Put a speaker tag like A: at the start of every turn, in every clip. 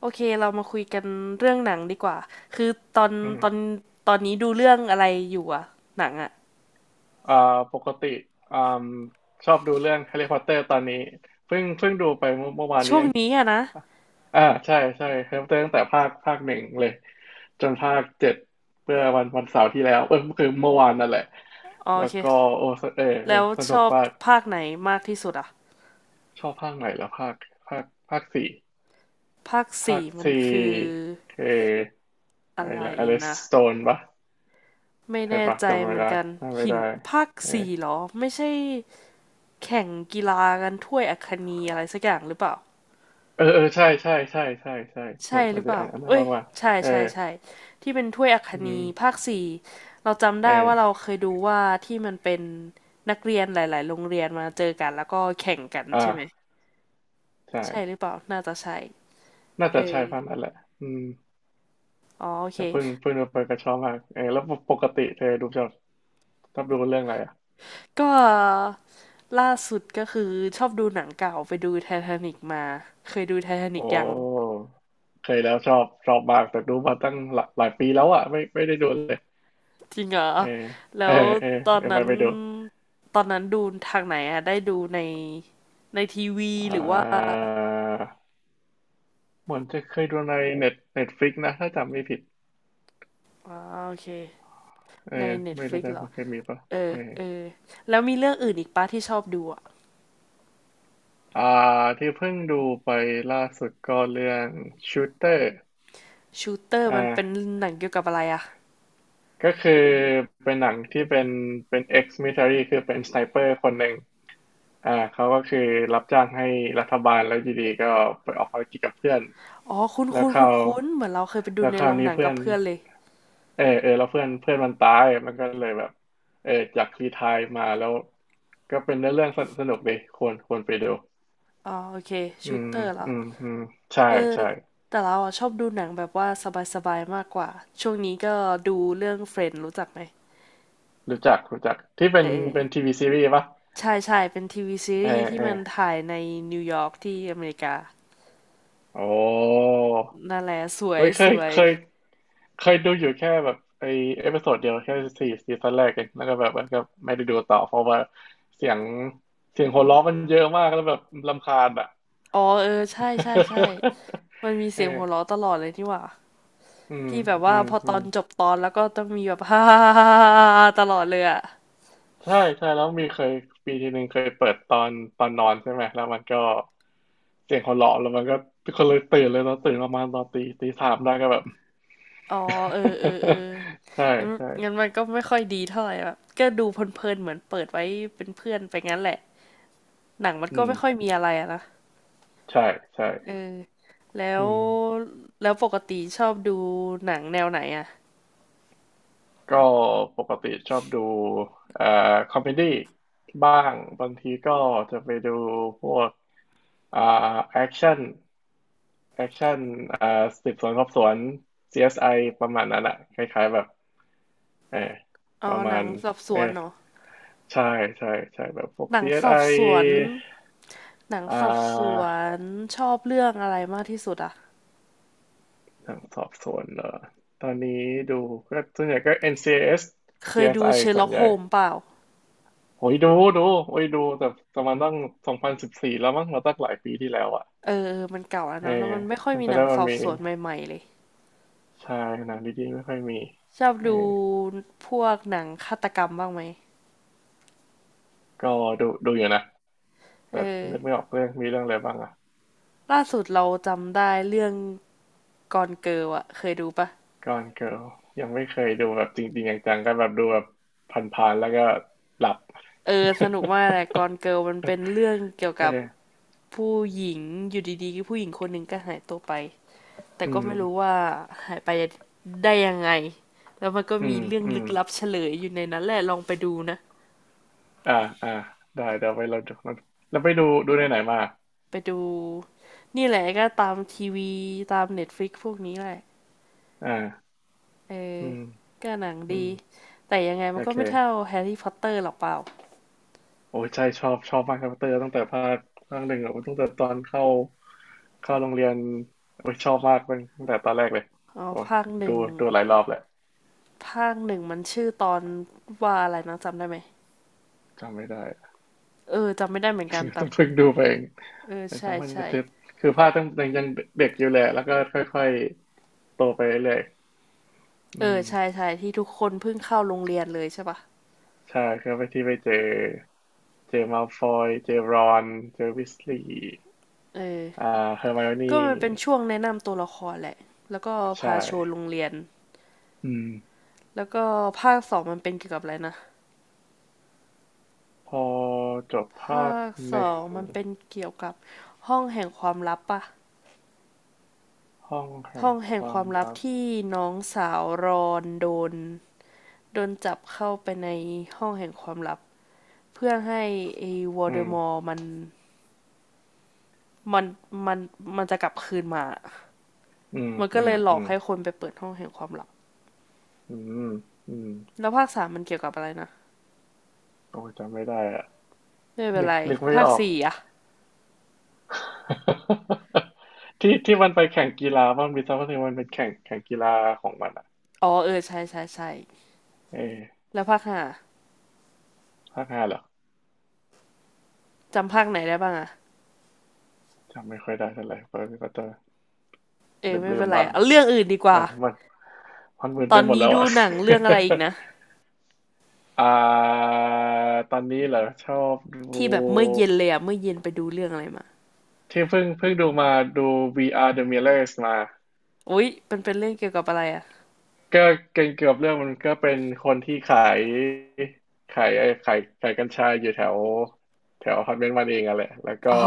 A: โอเคเรามาคุยกันเรื่องหนังดีกว่าคือตอน
B: อื
A: ตอน
B: ม
A: ตอนนี้ดูเรื่องอะไรอยู่อะหนังอะ
B: อ่า ปกติ อ่ามชอบดูเรื่องแฮร์รี่พอตเตอร์ตอนนี้เพิ่งดูไปเมื่อวานนี้
A: ช่ว
B: เอ
A: ง
B: ง
A: นี้อะนะ
B: ใช่แฮร์รี่พอตเตอร์ตั้งแต่ภาคหนึ่งเลยจนภาคเจ็ดเมื่อวันเสาร์ที่แล้วเออคือเมื่อวานนั่นแหละ
A: อ๋อ
B: แล้
A: โอ
B: ว
A: เค
B: ก็โอ้เออ
A: แล้ว
B: ส
A: ช
B: นุก
A: อบ
B: มาก
A: ภาคไหนมากที่สุดอะ
B: ชอบภาคไหนแล้วภาคภาคสี่
A: ภาค
B: ภา
A: สี่
B: ค
A: มัน
B: สี่
A: คือ
B: คือ
A: อะ
B: อะไร
A: ไร
B: นะอลิส
A: นะ
B: โตนปะ
A: ไม่
B: ใช่
A: แน่
B: ปะ
A: ใจ
B: จำไม่
A: เหมือน
B: ได้
A: กัน
B: จำไม่
A: หิน
B: ได้
A: ภาค
B: เอ
A: สี่เหรอไม่ใช่แข่งกีฬากันถ้วยอัคนีอะไรสักอย่างหรือเปล่า
B: เออใช่เห
A: ใช่
B: มือน
A: ห
B: มั
A: รื
B: น
A: อเป
B: จะ
A: ล่า
B: อ่านอันนั้น
A: เอ้ย
B: ว่า
A: ใช่
B: เออ
A: ใช่ใช่ ที่เป็นถ้วยอัค
B: อื
A: นีภา
B: ม
A: คสี่ เราจำได้
B: เออ
A: ว่าเราเคยดูว่าที่มันเป็นนักเรียนหลายๆโรงเรียนมาเจอกันแล้วก็แข่งกันใช่ไหม
B: อ่าใช่
A: ใช่หรือเปล่าน่าจะใช่
B: น่า
A: เอ
B: จะใช่
A: อ
B: พันนั่นแหละอืม
A: อ๋อโอเค
B: แต่เพิ่งมาเปิดกระชอบมากเออแล้วปกติเธอดูชอบดูเรื่องอะไรอ่ะ
A: ก็ล่าสุดก็คือชอบดูหนังเก่าไปดูไททานิกมา เคยดูไททานิก
B: โอ้
A: ยัง
B: เคยแล้วชอบมากแต่ดูมาตั้งหลายปีแล้วอ่ะไม่ได้ดูเลย
A: จริงเหรอ
B: เออ
A: แล้
B: เอ
A: ว
B: อเออ
A: ตอน
B: เดี๋ยวไป
A: นั้น
B: ไปดู
A: ดูทางไหนอะได้ดูในในทีวี
B: อ่
A: หรือว่า
B: าเหมือนจะเคยดูในเน็ตฟลิกนะถ้าจำไม่ผิด
A: อ๋อโอเค
B: เออ
A: ในเน็ต
B: ไม่
A: ฟ
B: แน่
A: ลิก
B: ใจ
A: เหรอ
B: มันเคยมีปะ
A: เออ
B: เออ
A: เออ แล้วมีเรื่องอื่นอีกปะที่ชอบดูอะ
B: อ่าที่เพิ่งดูไปล่าสุดก็เรื่อง Shooter
A: ชูเตอร์
B: อ่
A: มันเป็น
B: า
A: หนังเกี่ยวกับอะไรอะ
B: ก็คือเป็นหนังที่เป็น ex military คือเป็นสไนเปอร์คนหนึ่งเขาก็คือรับจ้างให้รัฐบาลแล้วอยู่ดีก็ไปออกภารกิจกับเพื่อน
A: อ๋อคุ้น
B: แล้ว
A: คุ้น
B: เขา
A: คุ้นคุ้นเหมือนเราเคยไปดู
B: แล้ว
A: ใน
B: ครา
A: โร
B: ว
A: ง
B: นี้
A: หนัง
B: เพื่
A: กั
B: อ
A: บ
B: น
A: เพื่อนเลย
B: เออแล้วเพื่อนเพื่อนมันตายมันก็เลยแบบเออจากรีไทร์มาแล้วก็เป็นเรื่องสนุกดีควรไปดู
A: อ๋อ โอเค
B: อื
A: ชู
B: ม
A: เตอร์เหรอ
B: อืมใช่
A: เออ
B: ใช่
A: แต่เราอะชอบดูหนังแบบว่าสบายๆมากกว่า ช่วงนี้ก็ดูเรื่องเฟรนด์รู้จักไหม
B: รู้จักที่เป็
A: เอ
B: น
A: อ
B: เป็นทีวีซีรีส์ปะ
A: ใช่ใช่เป็นทีวีซี
B: เออ
A: รีส์ที่
B: เออ
A: มันถ่ายในนิวยอร์กที่อเมริกา
B: โอ้
A: นั่นแหละสวย
B: ไม่เค
A: ส
B: ย
A: วย
B: เคยเคยดูอยู่แค่แบบไอเอพิโซดเดียวแค่สี่ซีซั่นแรกเองแล้วก็แบบมันก็ไม่ได้ดูต่อเพราะว่าเสียงเสียงหัวเราะมันเยอะมากแล้วแบบรำคาญอ่ะ
A: อ๋อเออใช่ใช่ใช่ มันมีเสียงหัว
B: เอ
A: เราะ
B: อ
A: ตลอดเลยนี่หว่า
B: อืม
A: ที่แบบ
B: อื
A: ว่า
B: ม
A: พอ
B: อื
A: ตอ
B: ม
A: นจบตอนแล้วก็ต้องมีแบบ ฮ่าๆๆๆตลอดเลยอ่ะ
B: ใช่แล้วมีเคยปีทีหนึ่งเคยเปิดตอนนอนใช่ไหมแล้วมันก็เสียงหัวเราะแล้วมันก็คนเลยตื่นเลยเราตื่นประมาณตอนตีสามได้ก็แบบ
A: อ๋อเออเออเออ
B: ใช่
A: งั้น
B: ใช่
A: มันก็ไม่ค่อยดีเท่าไหร่แบบก็ดูเพลินๆเหมือนเปิดไว้เป็นเพื่อนไปงั้นแหละหนังมัน
B: อื
A: ก็
B: ม
A: ไม่ค่อยมีอะไรอะนะ
B: ใช่ใช่
A: เออแล้
B: อื
A: ว
B: ม
A: ปกติชอบดูหนังแนวไหนอ่ะ
B: ก็ปกติชอบดูเอ่อคอมเมดี้บ้างบางทีก็จะไปดูพวก อ่าแอคชั่นแอคชั่น อ่าสืบสวนสอบสวน CSI ประมาณนั้นอะคล้ายๆแบบเออป
A: อ๋อ
B: ระ
A: ห
B: มา
A: นัง
B: ณ
A: สอบส
B: เอ
A: วน
B: อ
A: เนาะ
B: ใช่ใช่ใช่แบบพวก
A: หนังสอ
B: CSI
A: บ
B: อส
A: สวน
B: ไอ
A: หนัง
B: อ่
A: สอบสว
B: า
A: นชอบเรื่องอะไรมากที่สุดอ่ะ
B: ทางสอบสวนเหรอตอนนี้ดูก็ส่วนใหญ่ก็ NCIS
A: เคยดู
B: CSI ส
A: เช
B: ซีเอส
A: อ
B: ไอ
A: ร์
B: ส่
A: ล็
B: ว
A: อ
B: น
A: ก
B: ให
A: โฮ
B: ญ่
A: มเปล่า
B: โอ้ยดูโอ้ยดูแต่ประมาณตั้งสองพันสิบสี่แล้วมั้งเราตั้งหลายปีที่แล้วอ่ะ
A: เออมันเก่าแล้ว
B: เออ
A: เนาะแล้วมันไม่ค่อย
B: มัน
A: มี
B: จะ
A: หนั
B: ได้
A: งส
B: มัน
A: อบ
B: มี
A: สวนใหม่ๆเลย
B: ใชายหนังดีๆไม่ค่อยมี
A: ชอบ
B: เออ
A: ดูพวกหนังฆาตกรรมบ้างไหม
B: ก็ดูอยู่นะ
A: เอ
B: แต่
A: อ
B: นึกไม่ออกเรื่องมีเรื่องอะไรบ้างอ่ะ
A: ล่าสุดเราจำได้เรื่องกอนเกิลอะเคยดูปะ
B: ก่อนเกิลยังไม่เคยดูแบบจริงๆจังๆก็แบบดูแบบผ่านๆแล้วก็หลับ
A: เออสนุกมากแห ละกอนเกิลมันเป็นเรื่องเกี่ยวกับ
B: เออ
A: ผู้หญิงอยู่ดีๆผู้หญิงคนหนึ่งก็หายตัวไปแต่
B: อื
A: ก็
B: ม
A: ไม่รู้ว่าหายไปได้ยังไง แล้วมันก็
B: อื
A: มี
B: ม
A: เรื่อง
B: อื
A: ลึ
B: ม
A: กลับเฉลยอยู่ในนั้นแหละลองไปดูนะ
B: อ่าอ่าได้เดี๋ยวไปเราดูแล้วไปดูในไหนมา
A: ไปดูนี่แหละก็ตามทีวีตามเน็ตฟลิกพวกนี้แหละ
B: อ่า
A: เออ
B: อืม
A: ก็หนัง
B: อื
A: ดี
B: ม
A: แต่ยังไงมั
B: โอ
A: นก็ไม่เท่า
B: เค
A: แฮร์รี่พอตเตอร์หรอกเปล่า
B: โอ้ยใช่ชอบมากครับเตอร์ตั้งแต่ภาคหนึ่งอะโอ้ยตั้งแต่ตอนเข้าโรงเรียนโอ้ยชอบมากตั้งตแต่ตอนแรกเลย
A: อ๋อ
B: โอ้ย
A: ภาคห
B: ดู
A: นึ่ง
B: ดูหลายรอบแหละ
A: ภาคหนึ่งมันชื่อตอนว่าอะไรนะจำได้ไหม
B: จำไม่ได้
A: เออจำไม่ได้เหมือนกัน แต่
B: ต้องเพิ่งดูไปเอง
A: เออ
B: แต่
A: ใช่
B: จำว่าจะ
A: ใช่
B: ติดคือภาคตั้งยต่ยังเด็กอยู่แหละแล้วก็ค่อยๆโตไปเรื่อยๆ
A: เอ
B: อื
A: อ
B: ม
A: ใช่ใช่ที่ทุกคนเพิ่งเข้าโรงเรียนเลยใช่ปะ
B: ใช่ครับไปที่ไปเจอเจอมัลฟอยเจอรอนเจอวิสลีย์
A: เออ
B: อ่าเฮอร์ไมโอนี่
A: ก็มันเป็นช่วงแนะนำตัวละครแหละแล้วก็พา
B: ใช่
A: โชว์โรงเรียน
B: อืม
A: แล้วก็ภาคสองมันเป็นเกี่ยวกับอะไรนะ
B: พอจบ
A: ภ
B: ภา
A: า
B: ค
A: คส
B: ห
A: อ
B: นึ่ง
A: งมันเป็นเกี่ยวกับห้องแห่งความลับปะ
B: ห้องแห่
A: ห้
B: ง
A: อง
B: ค
A: แห่งค
B: วาม
A: วามลับ
B: ลับ
A: ที่น้องสาวรอนโดนจับเข้าไปในห้องแห่งความลับเพื่อให้ไอ้วอ
B: อื
A: ลเดอมอ
B: ม
A: ร์มันมันมันจะกลับคืนมา
B: อืม
A: มันก็
B: อื
A: เล
B: ม
A: ยหล
B: อื
A: อก
B: ม
A: ให้คนไปเปิดห้องแห่งความลับ
B: อืมอืม
A: แล้วภาคสามมันเกี่ยวกับอะไรนะ
B: โอ้ยจำไม่ได้อะ
A: ไม่เป็น
B: นึก
A: ไร
B: นึกไม่
A: ภา
B: อ
A: ค
B: อก
A: สี่อะ
B: ที่มันไปแข่งกีฬามันมีซัมเมอร์เทนงมันเป็นแข่งกีฬาของมันอ่ะ
A: อ๋อเออใช่ใช่ใช่
B: เออ
A: แล้วภาคห้า
B: ภาคห้าเหรอ
A: จำภาคไหนได้บ้างอะ
B: จำไม่ค่อยได้เท่าไหร่เพราะก็จะ
A: เออ
B: ลืม
A: ไม่
B: ลื
A: เป็
B: ม
A: นไร
B: บ้าง
A: เอาเรื่องอื่นดีกว่า
B: มันมันมันมึน
A: ต
B: ไป
A: อน
B: หมด
A: นี้
B: แล้ว
A: ดู
B: อ่ะ
A: หนังเรื่องอะไรอีกนะ
B: อ่า ตอนนี้เหรอชอบดู
A: ที่แบบเมื่อเย็นเลยอะเมื่อเย็นไปดูเรื่องอะไรมา
B: ที่เพิ่งดูมาดู VR The Millers มา
A: อุ้ยมันเป็นเรื่องเกี่ยวกับอะไรอะ
B: ก็เก่งเกือบเรื่องมันก็เป็นคนที่ขายขายไอ้ขายกัญชาอยู่แถวแถวอพาร์ตเมนต์มันเองอะแหละแล้วก็
A: อ๋อ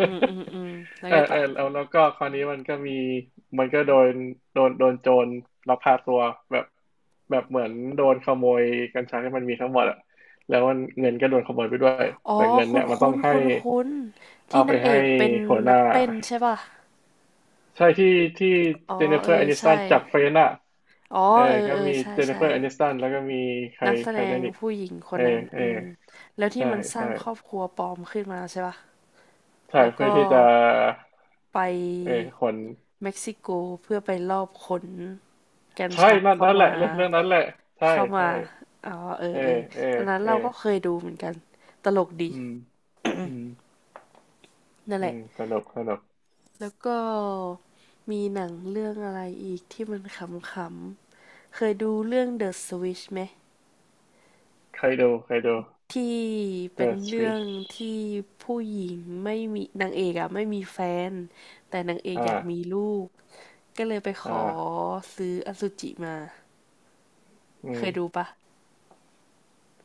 A: อืมอืม อืมแล้ว
B: เออเอ
A: ไง
B: อ
A: ต่
B: เอ
A: อ
B: อแล้วก็คราวนี้มันก็มีมันก็โดนโจรลักพาตัวแบบแบบเหมือนโดนขโมยกัญชาที่มันมีทั้งหมดอะแล้วมันเงินก็โดนขโมยไปด้วย
A: อ๋อ
B: แต่เงิน
A: คุ้
B: เนี่
A: น
B: ยมันต้อ
A: คุ้
B: ง
A: น
B: ให้
A: คุ้นคุ้นๆที่
B: เอาไป
A: นางเอ
B: ให้
A: กเป็น
B: หัวห
A: นัก
B: น้า
A: เต้นใช่ป่ะ
B: ใช่ที่
A: อ๋อ
B: เจเนฟเฟ
A: เอ
B: อ
A: อ
B: ร์แอนิส
A: ใช่
B: ตันจับเฟรนอะ
A: อ๋อ
B: เออ
A: เออ
B: ก็
A: เออ
B: มี
A: ใช่
B: เจนนิเฟ
A: ใช่
B: อร์แอนิสตันแล้วก็มีใคร
A: นักแส
B: ใคร
A: ด
B: ได้
A: ง
B: อีก
A: ผู้หญิงค
B: เอ
A: น
B: อ
A: นั้น
B: เออ
A: อืมแล้วที่
B: ใช่
A: มันสร้า
B: ใช่
A: งครอบครัวปลอมขึ้นมาใช่ป่ะ
B: ใช่
A: แล้ว
B: เพื่อ
A: ก็
B: ที่จะ
A: ไ
B: เออ
A: ป
B: คน
A: เม็กซิโกเพื่อไปลอบขนกัญ
B: ใช่
A: ชา
B: นั่น
A: เข้า
B: นั่นแหละ
A: มา
B: เรื่องนั้นแหละใช่
A: เข้ามา
B: ใช่
A: อ๋อเอ
B: เอ
A: อ
B: อ
A: เออ
B: เออ
A: อันนั้น
B: เออ
A: เราก็เคยดูเหมือนกันตลกดี
B: อืมอืม
A: นั่น
B: อื
A: แหละ
B: มสนุก
A: แล้วก็มีหนังเรื่องอะไรอีกที่มันขำๆเคยดูเรื่อง The Switch ไหม
B: ใครดู
A: ที่เป็น
B: The
A: เรื่อง
B: Switch
A: ที่ผู้หญิงไม่มีนางเอกอะไม่มีแฟนแต่นางเอ
B: อ
A: กอยากมี
B: ่า
A: ลูกก็เลยไปขอ
B: อ่า
A: ซื้ออสุจิมา
B: อื
A: เคยดู
B: ม
A: ปะ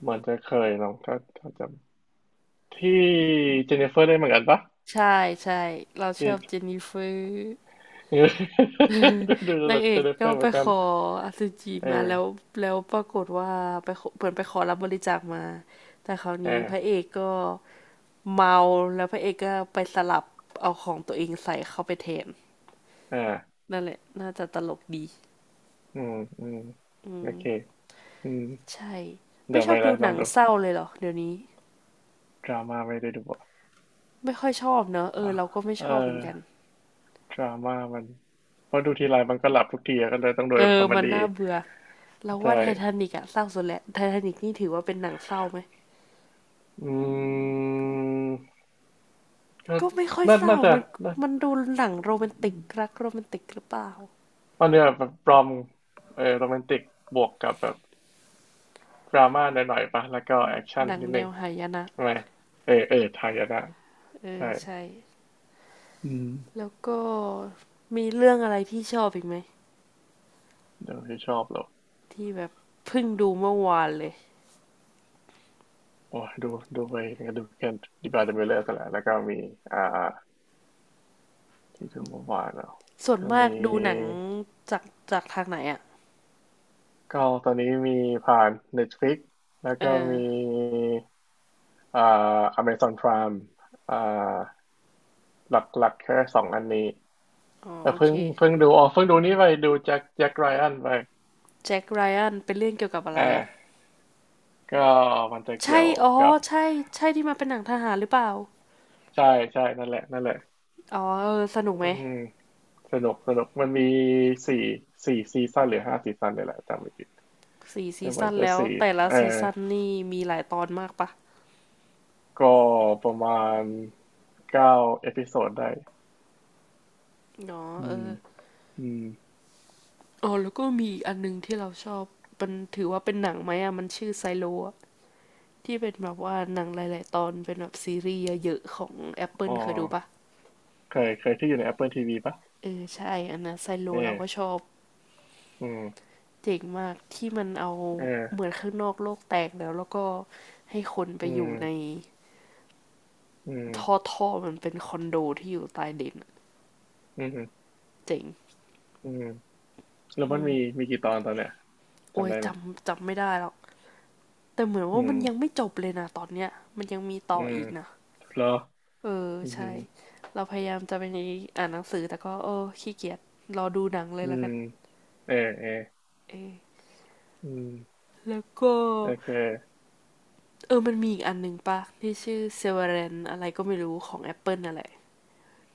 B: เหมือนจะเคยลองถ้าจำที่เจนนิเฟอร์ได้เหมือนกันปะ
A: ใช่ใช่เราช
B: ที่
A: อบเจนนิเฟอร์
B: ดูดู
A: นา
B: ดู
A: งเอ
B: เจ
A: ก
B: นนิเฟ
A: ก็
B: อร์เห
A: ไป
B: มือน
A: ข
B: กัน
A: ออสุจิ
B: เอ
A: มาแล้ว
B: อ
A: แล้วปรากฏว่าไปขอเหมือนไปขอรับบริจาคมาแต่คราว
B: เออ
A: นี้พระเอกก็เมาแล้วพระเอกก็ไปสลับเอาของตัวเองใส่เข้าไปแทน
B: เออ
A: นั่นแหละน่าจะตลกดี
B: อืมอืมโอเคอืม
A: ใช่
B: เดี๋
A: ไม่
B: ยว
A: ช
B: ไป
A: อบ
B: เล
A: ดู
B: ยล
A: ห
B: อ
A: นั
B: ง
A: ง
B: ดู
A: เศร้าเลยเหรอเดี๋ยวนี้
B: ดราม่าไม่ได้ดูอ่ะ
A: ไม่ค่อยชอบเนอะเออ
B: อ่ะ
A: เราก็ไม่
B: เออ
A: ชอบเหมือนกัน
B: ดราม่ามันเพราะดูทีไรมันก็หลับทุกทีอะก็เลยต้องดู
A: เออ
B: คอมเม
A: มัน
B: ดี้
A: น่าเบื่อเรา
B: ใช่
A: ว่าไททานิกอะเศร้าสุดแหละไททานิกนี่ถือว่าเป็นหนังเศร้าไหม
B: อืมก็
A: ก็ไม่ค่อย
B: น่า
A: เศร้า
B: น่าจะ
A: มัน
B: น่า
A: มันดูหนังโรแมนติกรักโรแมนติกหรือเปล่า
B: ตอนเนี้ยแบบรอมเออโรแมนติกบวกกับแบบดราม่าหน่อยๆปะแล้วก็แอคชั่น
A: หนัง
B: นิด
A: แน
B: นึง
A: วหายนะ
B: ทำไมเออเออไทยอะนะ
A: เอ
B: ใช่
A: อใช่
B: อืม
A: แล้วก็มีเรื่องอะไรที่ชอบอีกไหม
B: เดี๋ยวที่ชอบเหรอ
A: ที่แบบเพิ่งดูเมื่อวานเลย
B: โอ้ยดูดูไปก็ดูแคนดิบาเดมิเลอร์กันแหละแล้วก็มีอ่าที่ดูเมื่อวานเนาะ
A: ส่วน
B: ก็
A: มาก
B: มี
A: ดูหนังจากจากทางไหนอ่ะ
B: ก็ตอนนี้มีผ่าน Netflix แล้ว
A: เอ
B: ก็
A: อ
B: มีอ่า Amazon Prime อ่าหลักหลักแค่สองอันนี้
A: อ๋อ
B: เออ
A: โอ
B: เพิ่
A: เค
B: งเพิ่งดูอ๋อเพิ่งดูนี่ไปดูแจ็คแจ็คไรอันไป
A: แจ็คไรอันเป็นเรื่องเกี่ยวกับอะ
B: เอ
A: ไรอ่ะ
B: อก็มันจะเกี่
A: ใช่
B: ยว
A: อ๋อ
B: กับ
A: ใช่ใช่ที่มาเป็นหนังทหารหรือเปล่า
B: ใช่ใช่นั่นแหละนั่นแหละ
A: อ๋อเออสนุกไหม
B: อืมสนุกสนุกมันมีสี่สี่ซีซั่นหรือห้าซีซั่นเนี่ยแหละจำไม่ผิด
A: สี่
B: แต่
A: ซี
B: กว่า
A: ซั่น
B: จะ
A: แล้ว
B: สี่
A: แต่ละ
B: เออ
A: ซีซั่นนี่มีหลายตอนมากปะ
B: ก็ประมาณเก้าเอพิโซดได้
A: อ๋อ
B: อื
A: เออ
B: มอืม
A: อ๋อแล้วก็มีอีกอันหนึงที่เราชอบมันถือว่าเป็นหนังไหมอ่ะมันชื่อไซโลอะที่เป็นแบบว่าหนังหลายๆตอนเป็นแบบซีรีส์เยอะๆของ
B: อ๋อ
A: Apple เคยดูปะ
B: เคยเคยที่อยู่ใน Apple ทีวีปะ
A: เออใช่อันนั้นไซโล
B: เอ
A: เราก็
B: อ
A: ชอบ
B: อืม
A: เจ๋งมากที่มันเอาเหมื
B: เออ
A: อนข้างนอกโลกแตกแล้วแล้วก็ให้คนไป
B: อื
A: อยู่ใน
B: มอื
A: ท่อ
B: ม
A: ท่อมันเป็นคอนโดที่อยู่ใต้ดินอะ
B: อืม
A: เจ๋ง
B: อืมแล้ว
A: อื
B: มันมี
A: ม
B: มีกี่ตอนตอนเนี้ย
A: โอ้
B: จำ
A: ย
B: ได้
A: จ
B: ไหม
A: ำจำไม่ได้แล้วแต่เหมือน
B: อื
A: ว่ามั
B: ม
A: นยังไม่จบเลยนะตอนเนี้ยมันยังมีต่
B: อื
A: อ
B: ม
A: อีกนะ
B: เหรอ
A: เออ
B: อื
A: ใช่
B: ม
A: เราพยายามจะเป็นอย่างนี้อ่านหนังสือแต่ก็โอ้ขี้เกียจรอดูหนังเลย
B: อื
A: แล้ว
B: ม
A: กัน
B: เออเออ
A: เออ
B: อืม
A: แล้วก็
B: โอเค
A: เออมันมีอีกอันหนึ่งปะที่ชื่อ s e v e r a n อะไรก็ไม่รู้ของ Apple นั่นแหละ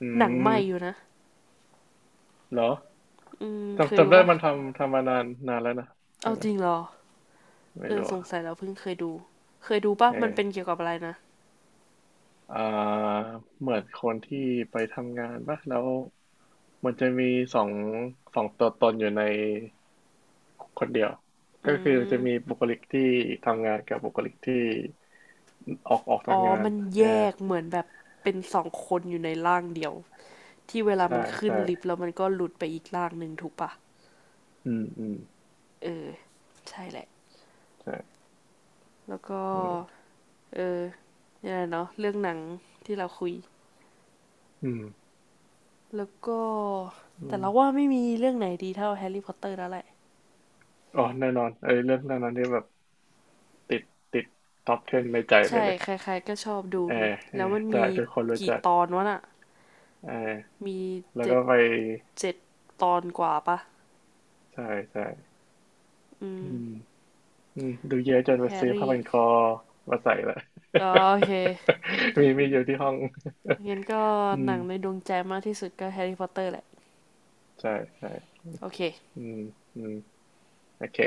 B: อื
A: หนังใหม่อยู่
B: ม
A: นะ
B: เหรอ
A: อืมเค
B: จำ
A: ยดู
B: จำได้
A: ปะ
B: มันทำทำมานานนานแล้วนะใช่
A: เอา
B: ไหม
A: จริงเหรอ
B: ไม่
A: เออ
B: รู้
A: ส
B: อ่ะ
A: งสัยเราเพิ่งเคยดูเคยดูปะ
B: เออ
A: มันเป็นเกี่ยวกับอะไรนะ
B: อ่าเหมือนคนที่ไปทำงานปะแล้วมันจะมีสองสองตัวตนอยู่ในคนเดียว
A: อื
B: ก็คือจะมี
A: ม
B: บุคลิกที่ทำงานกับบุคลิกที่ออกออกจา
A: อ๋
B: ก
A: อ
B: งาน
A: มัน
B: เอ
A: แย
B: อ
A: กเหมือนแบบเป็น2 คนอยู่ในร่างเดียวที่เวลา
B: ใช่
A: มันขึ้น
B: ใช่
A: ลิฟต์แล้วมันก็หลุดไปอีกร่างหนึ่งถูกปะ
B: อืมอืม
A: เออใช่แหละ
B: ใช่
A: แล้วก็
B: อืม
A: เออเนี่ยเนาะเรื่องหนังที่เราคุย
B: อืม
A: แล้วก็
B: อื
A: แต่
B: ม
A: เราว่าไม่มีเรื่องไหนดีเท่าแฮร์รี่พอตเตอร์แล้วแหละ
B: อ๋อแน่นอนเอ้ยเรื่องเรื่องนั้นนี่แบบติดติดท็อป10ในใจไป
A: ใช่
B: เลย
A: ใครๆก็ชอบดู
B: เออ
A: นะ
B: เอ
A: แล้ว
B: อ
A: มัน
B: ใช่
A: มี
B: ทุกคนรู้
A: กี่
B: จัก
A: ตอนวะน่ะ
B: เออ
A: มี
B: แล้ว
A: เจ็
B: ก็
A: ด
B: ไป
A: เจ็ดตอนกว่าปะ
B: ใช่ใช่
A: อื
B: อื
A: ม
B: ม อืมดูเยอะจนไป
A: แฮ
B: ซื้อ
A: ร์
B: ผ้า
A: รี่
B: พันคอมาใส่ละ
A: ออโอเค
B: มีมีอยู่ที่ห้อง
A: งั้นก็
B: อื
A: ห
B: ม
A: นังในดวงใจมากที่สุดก็แฮร์รี่พอตเตอร์แหละ
B: ใช่ใช่
A: โอเค
B: อืมอืมโอเค